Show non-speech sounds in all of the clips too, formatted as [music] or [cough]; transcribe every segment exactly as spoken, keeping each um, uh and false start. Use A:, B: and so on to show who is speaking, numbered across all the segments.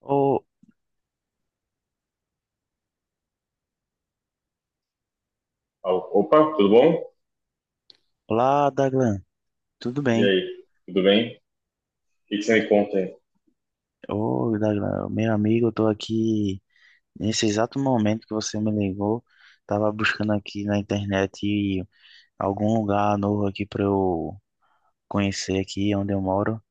A: Ô,
B: Opa, tudo bom?
A: olá, Daglan. Tudo
B: E
A: bem?
B: aí, tudo bem? O que que você me conta aí?
A: Ô, Daglan, meu amigo, eu tô aqui nesse exato momento que você me ligou. Tava buscando aqui na internet algum lugar novo aqui pra eu conhecer aqui onde eu moro,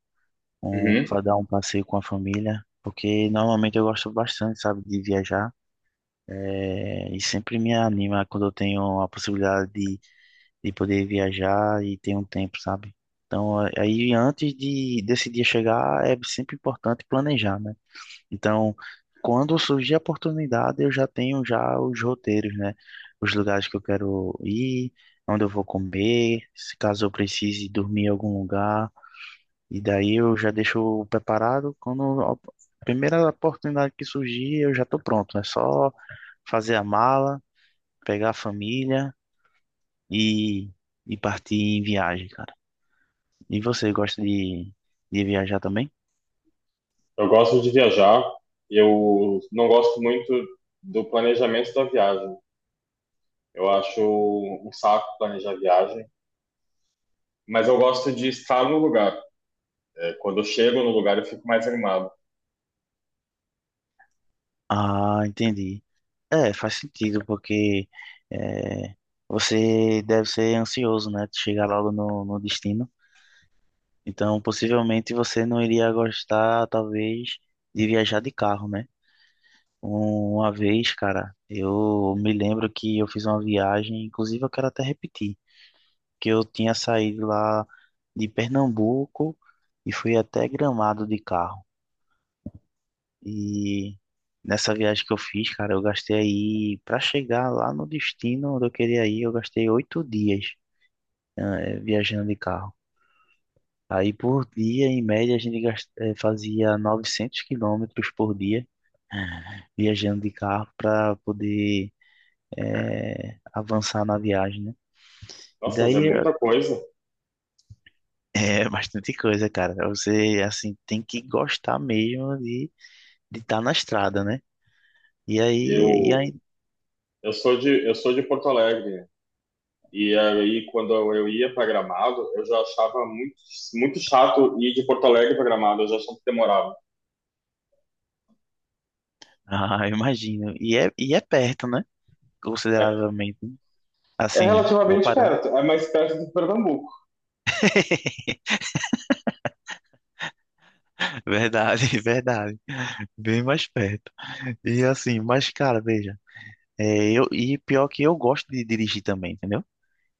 A: um,
B: Uhum.
A: para dar um passeio com a família, porque normalmente eu gosto bastante, sabe, de viajar. É, e sempre me anima quando eu tenho a possibilidade de poder viajar e ter um tempo, sabe? Então, a- aí antes de desse dia chegar, é sempre importante planejar, né? Então, quando surgir a oportunidade, eu já tenho já os roteiros, né? Os lugares que eu quero ir, onde eu vou comer, se caso eu precise dormir em algum lugar. E daí eu já deixo preparado quando a primeira oportunidade que surgir, eu já estou pronto. É só fazer a mala, pegar a família e, e partir em viagem, cara. E você gosta de, de viajar também?
B: Eu gosto de viajar, eu não gosto muito do planejamento da viagem. Eu acho um saco planejar viagem, mas eu gosto de estar no lugar. É, quando eu chego no lugar, eu fico mais animado.
A: Ah, entendi. É, faz sentido, porque é, você deve ser ansioso, né? De chegar logo no, no destino. Então, possivelmente você não iria gostar, talvez, de viajar de carro, né? Uma vez, cara, eu me lembro que eu fiz uma viagem, inclusive eu quero até repetir, que eu tinha saído lá de Pernambuco e fui até Gramado de carro. E nessa viagem que eu fiz, cara, eu gastei aí, pra chegar lá no destino onde eu queria ir, eu gastei oito dias, né, eh, viajando de carro. Aí por dia, em média, a gente gas- eh, fazia novecentos quilômetros por dia, eh, viajando de carro para poder eh, avançar na viagem, né? E
B: Nossa, mas é
A: daí eh,
B: muita coisa.
A: [laughs] é bastante coisa, cara. Você, assim, tem que gostar mesmo de de estar na estrada, né? E aí, e
B: Eu,
A: aí
B: eu sou de, eu sou de Porto Alegre. E aí, quando eu ia para Gramado, eu já achava muito, muito chato ir de Porto Alegre para Gramado, eu já achava que demorava.
A: Ah, eu imagino. E é, e é perto, né?
B: É
A: Consideravelmente.
B: É
A: Assim,
B: relativamente
A: comparando.
B: perto, é mais perto do Pernambuco.
A: [laughs] Verdade, verdade. Bem mais perto. E assim, mas cara, veja, é, eu, e pior que eu gosto de dirigir também, entendeu?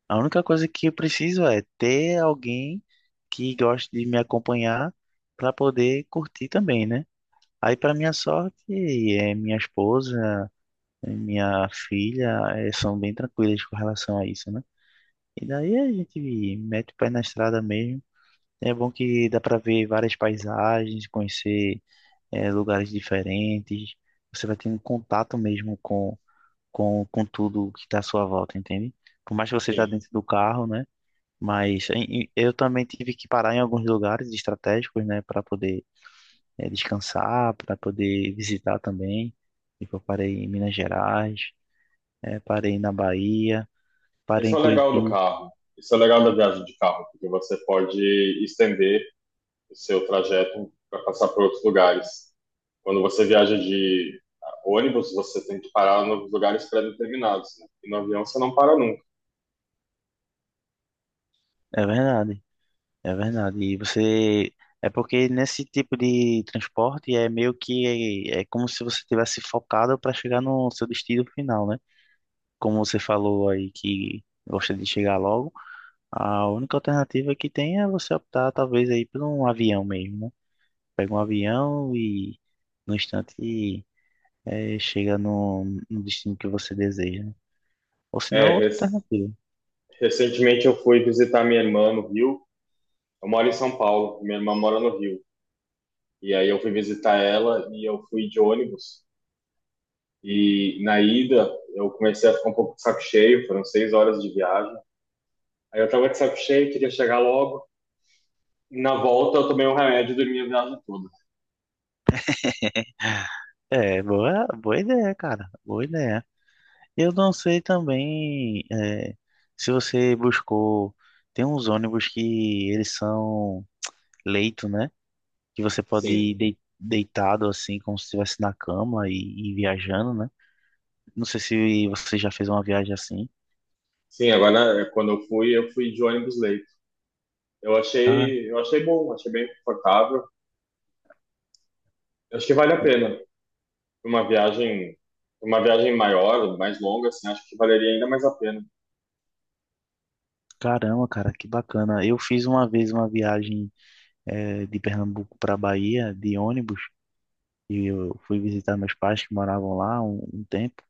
A: A única coisa que eu preciso é ter alguém que goste de me acompanhar para poder curtir também, né? Aí, para minha sorte, é minha esposa, é minha filha, é, são bem tranquilas com relação a isso, né? E daí a gente mete o pé na estrada mesmo. É bom que dá para ver várias paisagens, conhecer eh, lugares diferentes. Você vai tendo contato mesmo com, com, com tudo que está à sua volta, entende? Por mais que você está
B: Sim,
A: dentro do carro, né? Mas em- em- eu também tive que parar em alguns lugares estratégicos, né? Para poder eh, descansar, para poder visitar também. Tipo, eu parei em Minas Gerais, eh, parei na Bahia, parei
B: esse
A: em
B: é o legal do
A: Curitiba.
B: carro. Isso é o legal da viagem de carro, porque você pode estender o seu trajeto para passar por outros lugares. Quando você viaja de ônibus, você tem que parar em lugares pré-determinados, né? E no avião você não para nunca.
A: É verdade. É verdade. E você. É porque nesse tipo de transporte é meio que. É, é como se você tivesse focado para chegar no seu destino final, né? Como você falou aí que gosta de chegar logo, a única alternativa que tem é você optar, talvez, aí por um avião mesmo, né? Pega um avião e no instante é, chega no, no destino que você deseja, né? Ou se
B: É,
A: não, outra
B: rec-
A: alternativa.
B: recentemente eu fui visitar minha irmã no Rio. Eu moro em São Paulo, minha irmã mora no Rio. E aí eu fui visitar ela e eu fui de ônibus. E na ida, eu comecei a ficar um pouco de saco cheio, foram seis horas de viagem. Aí eu tava de saco cheio, queria chegar logo. Na volta, eu tomei um remédio e dormi a viagem toda.
A: É, boa, boa ideia, cara. Boa ideia. Eu não sei também eh, se você buscou. Tem uns ônibus que eles são leito, né? Que você pode
B: Sim,
A: ir dei- deitado assim, como se estivesse na cama e, e viajando, né? Não sei se você já fez uma viagem assim.
B: sim, agora é, quando eu fui, eu fui de ônibus leito. Eu
A: Ah,
B: achei, eu achei bom, achei bem confortável. Eu acho que vale a pena. Uma viagem, uma viagem maior, mais longa, assim, acho que valeria ainda mais a pena.
A: caramba, cara, que bacana. Eu fiz uma vez uma viagem eh, de Pernambuco para Bahia de ônibus e eu fui visitar meus pais que moravam lá um um tempo.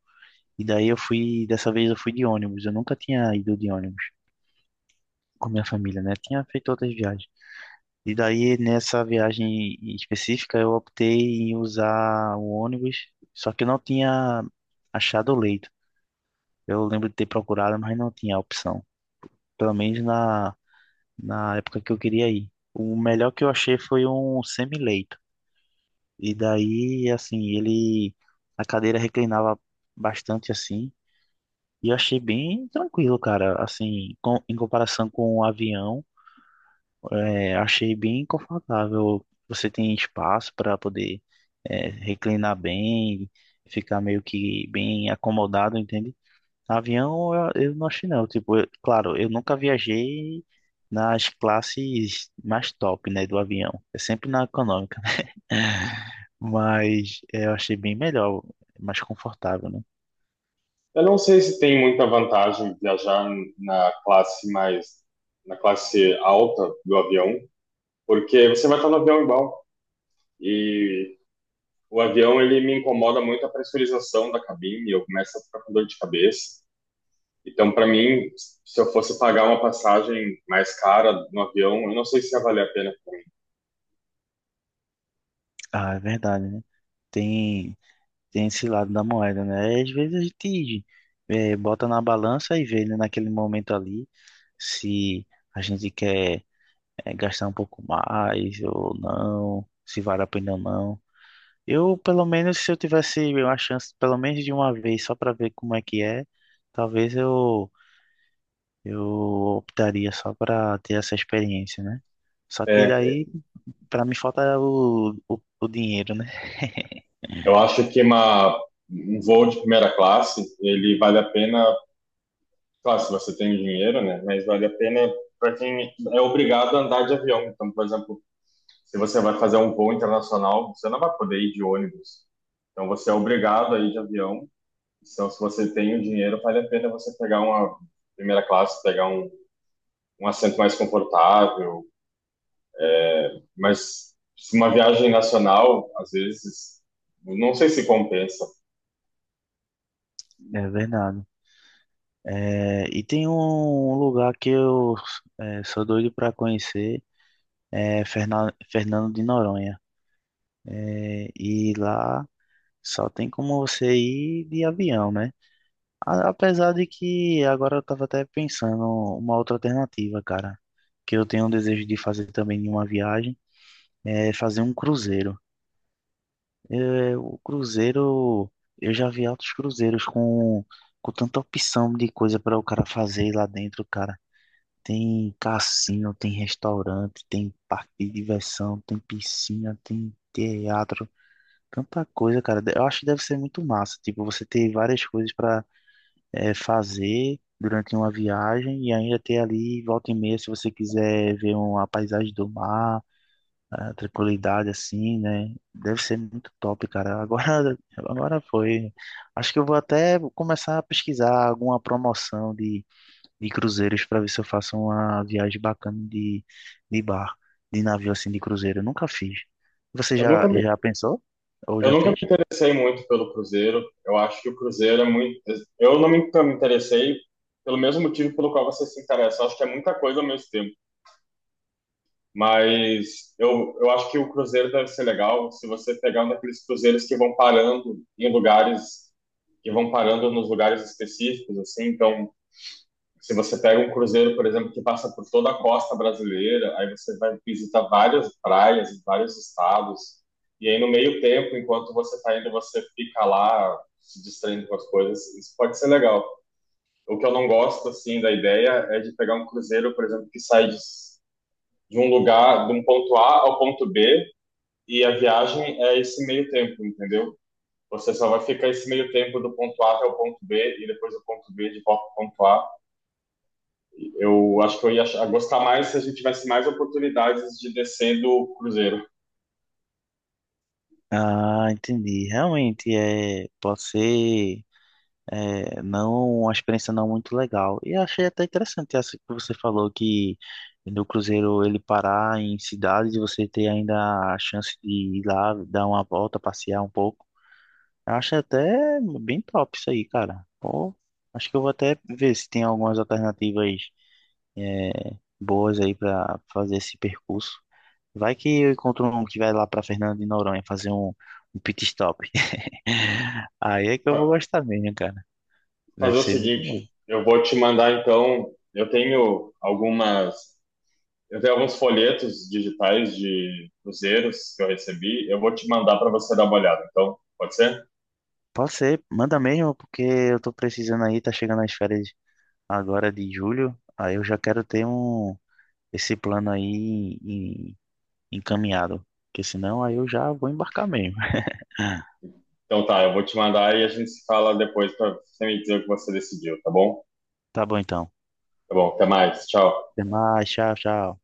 A: E daí eu fui, dessa vez eu fui de ônibus. Eu nunca tinha ido de ônibus. Com minha família, né? Tinha feito outras viagens. E daí, nessa viagem específica, eu optei em usar o ônibus, só que eu não tinha achado o leito. Eu lembro de ter procurado, mas não tinha opção. Pelo menos na, na época que eu queria ir. O melhor que eu achei foi um semi-leito. E daí, assim, ele... A cadeira reclinava bastante, assim. E eu achei bem tranquilo, cara. Assim, com, em comparação com o avião. É, achei bem confortável. Você tem espaço para poder é, reclinar bem, ficar meio que bem acomodado, entende? Avião, eu, eu não achei não. Tipo, eu- claro, eu nunca viajei nas classes mais top, né, do avião. É sempre na econômica. [laughs] Mas é, eu achei bem melhor, mais confortável, né?
B: Eu não sei se tem muita vantagem viajar na classe mais, na classe alta do avião, porque você vai estar no avião igual. E o avião, ele me incomoda muito a pressurização da cabine, eu começo a ficar com dor de cabeça. Então, para mim, se eu fosse pagar uma passagem mais cara no avião, eu não sei se ia valer a pena. pra mim.
A: Ah, é verdade, né? Tem, tem esse lado da moeda, né? Às vezes a gente eh, bota na balança e vê, né, naquele momento ali. Se a gente quer eh, gastar um pouco mais ou não, se vale a pena ou não. Eu, pelo menos, se eu tivesse uma chance, pelo menos de uma vez, só para ver como é que é, talvez eu, eu optaria só para ter essa experiência, né? Só que
B: É,
A: daí, para mim, falta o, o, o dinheiro, né? [laughs]
B: eu acho que uma, um voo de primeira classe, ele vale a pena, claro, se você tem dinheiro, né? Mas vale a pena para quem é obrigado a andar de avião. Então, por exemplo, se você vai fazer um voo internacional, você não vai poder ir de ônibus. Então você é obrigado a ir de avião. Então, se você tem o dinheiro, vale a pena você pegar uma primeira classe, pegar um, um assento mais confortável. Mas se uma viagem nacional, às vezes, não sei se compensa.
A: É verdade. É, e tem um lugar que eu é, sou doido para conhecer, é Ferna- Fernando de Noronha. É, e lá só tem como você ir de avião, né? A- Apesar de que agora eu tava até pensando uma outra alternativa, cara, que eu tenho um desejo de fazer também em uma viagem, é fazer um cruzeiro. É, o cruzeiro, eu já vi altos cruzeiros com, com tanta opção de coisa para o cara fazer lá dentro, cara. Tem cassino, tem restaurante, tem parque de diversão, tem piscina, tem teatro. Tanta coisa, cara. Eu acho que deve ser muito massa. Tipo, você ter várias coisas para fazer durante uma viagem e ainda ter ali, volta e meia, se você quiser ver uma paisagem do mar, a tranquilidade assim, né? Deve ser muito top, cara. Agora, [laughs] agora foi. Acho que eu vou até começar a pesquisar alguma promoção de, de cruzeiros para ver se eu faço uma viagem bacana de, de bar, de navio assim, de cruzeiro. Eu nunca fiz. Você
B: Eu
A: já,
B: nunca me,
A: já pensou? Ou
B: eu
A: já
B: nunca me
A: fez?
B: interessei muito pelo cruzeiro. Eu acho que o cruzeiro é muito. Eu não me, Nunca me interessei pelo mesmo motivo pelo qual você se interessa. Eu acho que é muita coisa ao mesmo tempo. Mas eu, eu acho que o cruzeiro deve ser legal se você pegar um daqueles cruzeiros que vão parando em lugares, que vão parando nos lugares específicos, assim. Então, se você pega um cruzeiro, por exemplo, que passa por toda a costa brasileira, aí você vai visitar várias praias em vários estados. E aí, no meio tempo, enquanto você está indo, você fica lá se distraindo com as coisas. Isso pode ser legal. O que eu não gosto, assim, da ideia é de pegar um cruzeiro, por exemplo, que sai de de um lugar, de um ponto A ao ponto B, e a viagem é esse meio tempo, entendeu? Você só vai ficar esse meio tempo do ponto A até o ponto B e depois do ponto B de volta ao ponto A. Eu acho que eu ia achar- gostar mais se a gente tivesse mais oportunidades de descer do cruzeiro.
A: Ah, entendi. Realmente é, pode ser é, não uma experiência não muito legal. E achei até interessante essa que você falou que no cruzeiro ele parar em cidades e você ter ainda a chance de ir lá dar uma volta, passear um pouco. Eu achei até bem top isso aí, cara. Pô, acho que eu vou até ver se tem algumas alternativas é, boas aí para fazer esse percurso. Vai que eu encontro um que vai lá para Fernando de Noronha fazer um, um pit stop. Aí é que eu vou
B: Fa-
A: gostar mesmo, cara.
B: Fazer
A: Deve
B: o
A: ser muito bom.
B: seguinte, eu vou te mandar então, eu tenho algumas, eu tenho alguns folhetos digitais de cruzeiros que eu recebi, eu vou te mandar para você dar uma olhada. Então, pode ser?
A: Pode ser, manda mesmo, porque eu tô precisando aí, tá chegando as férias agora de julho. Aí eu já quero ter um esse plano aí em- encaminhado. Porque senão aí eu já vou embarcar mesmo. [laughs]
B: Então tá, eu vou te mandar e a gente se fala depois para você me dizer o que você decidiu, tá bom?
A: Tá bom então.
B: Tá bom, até mais, tchau.
A: Até mais, tchau, tchau.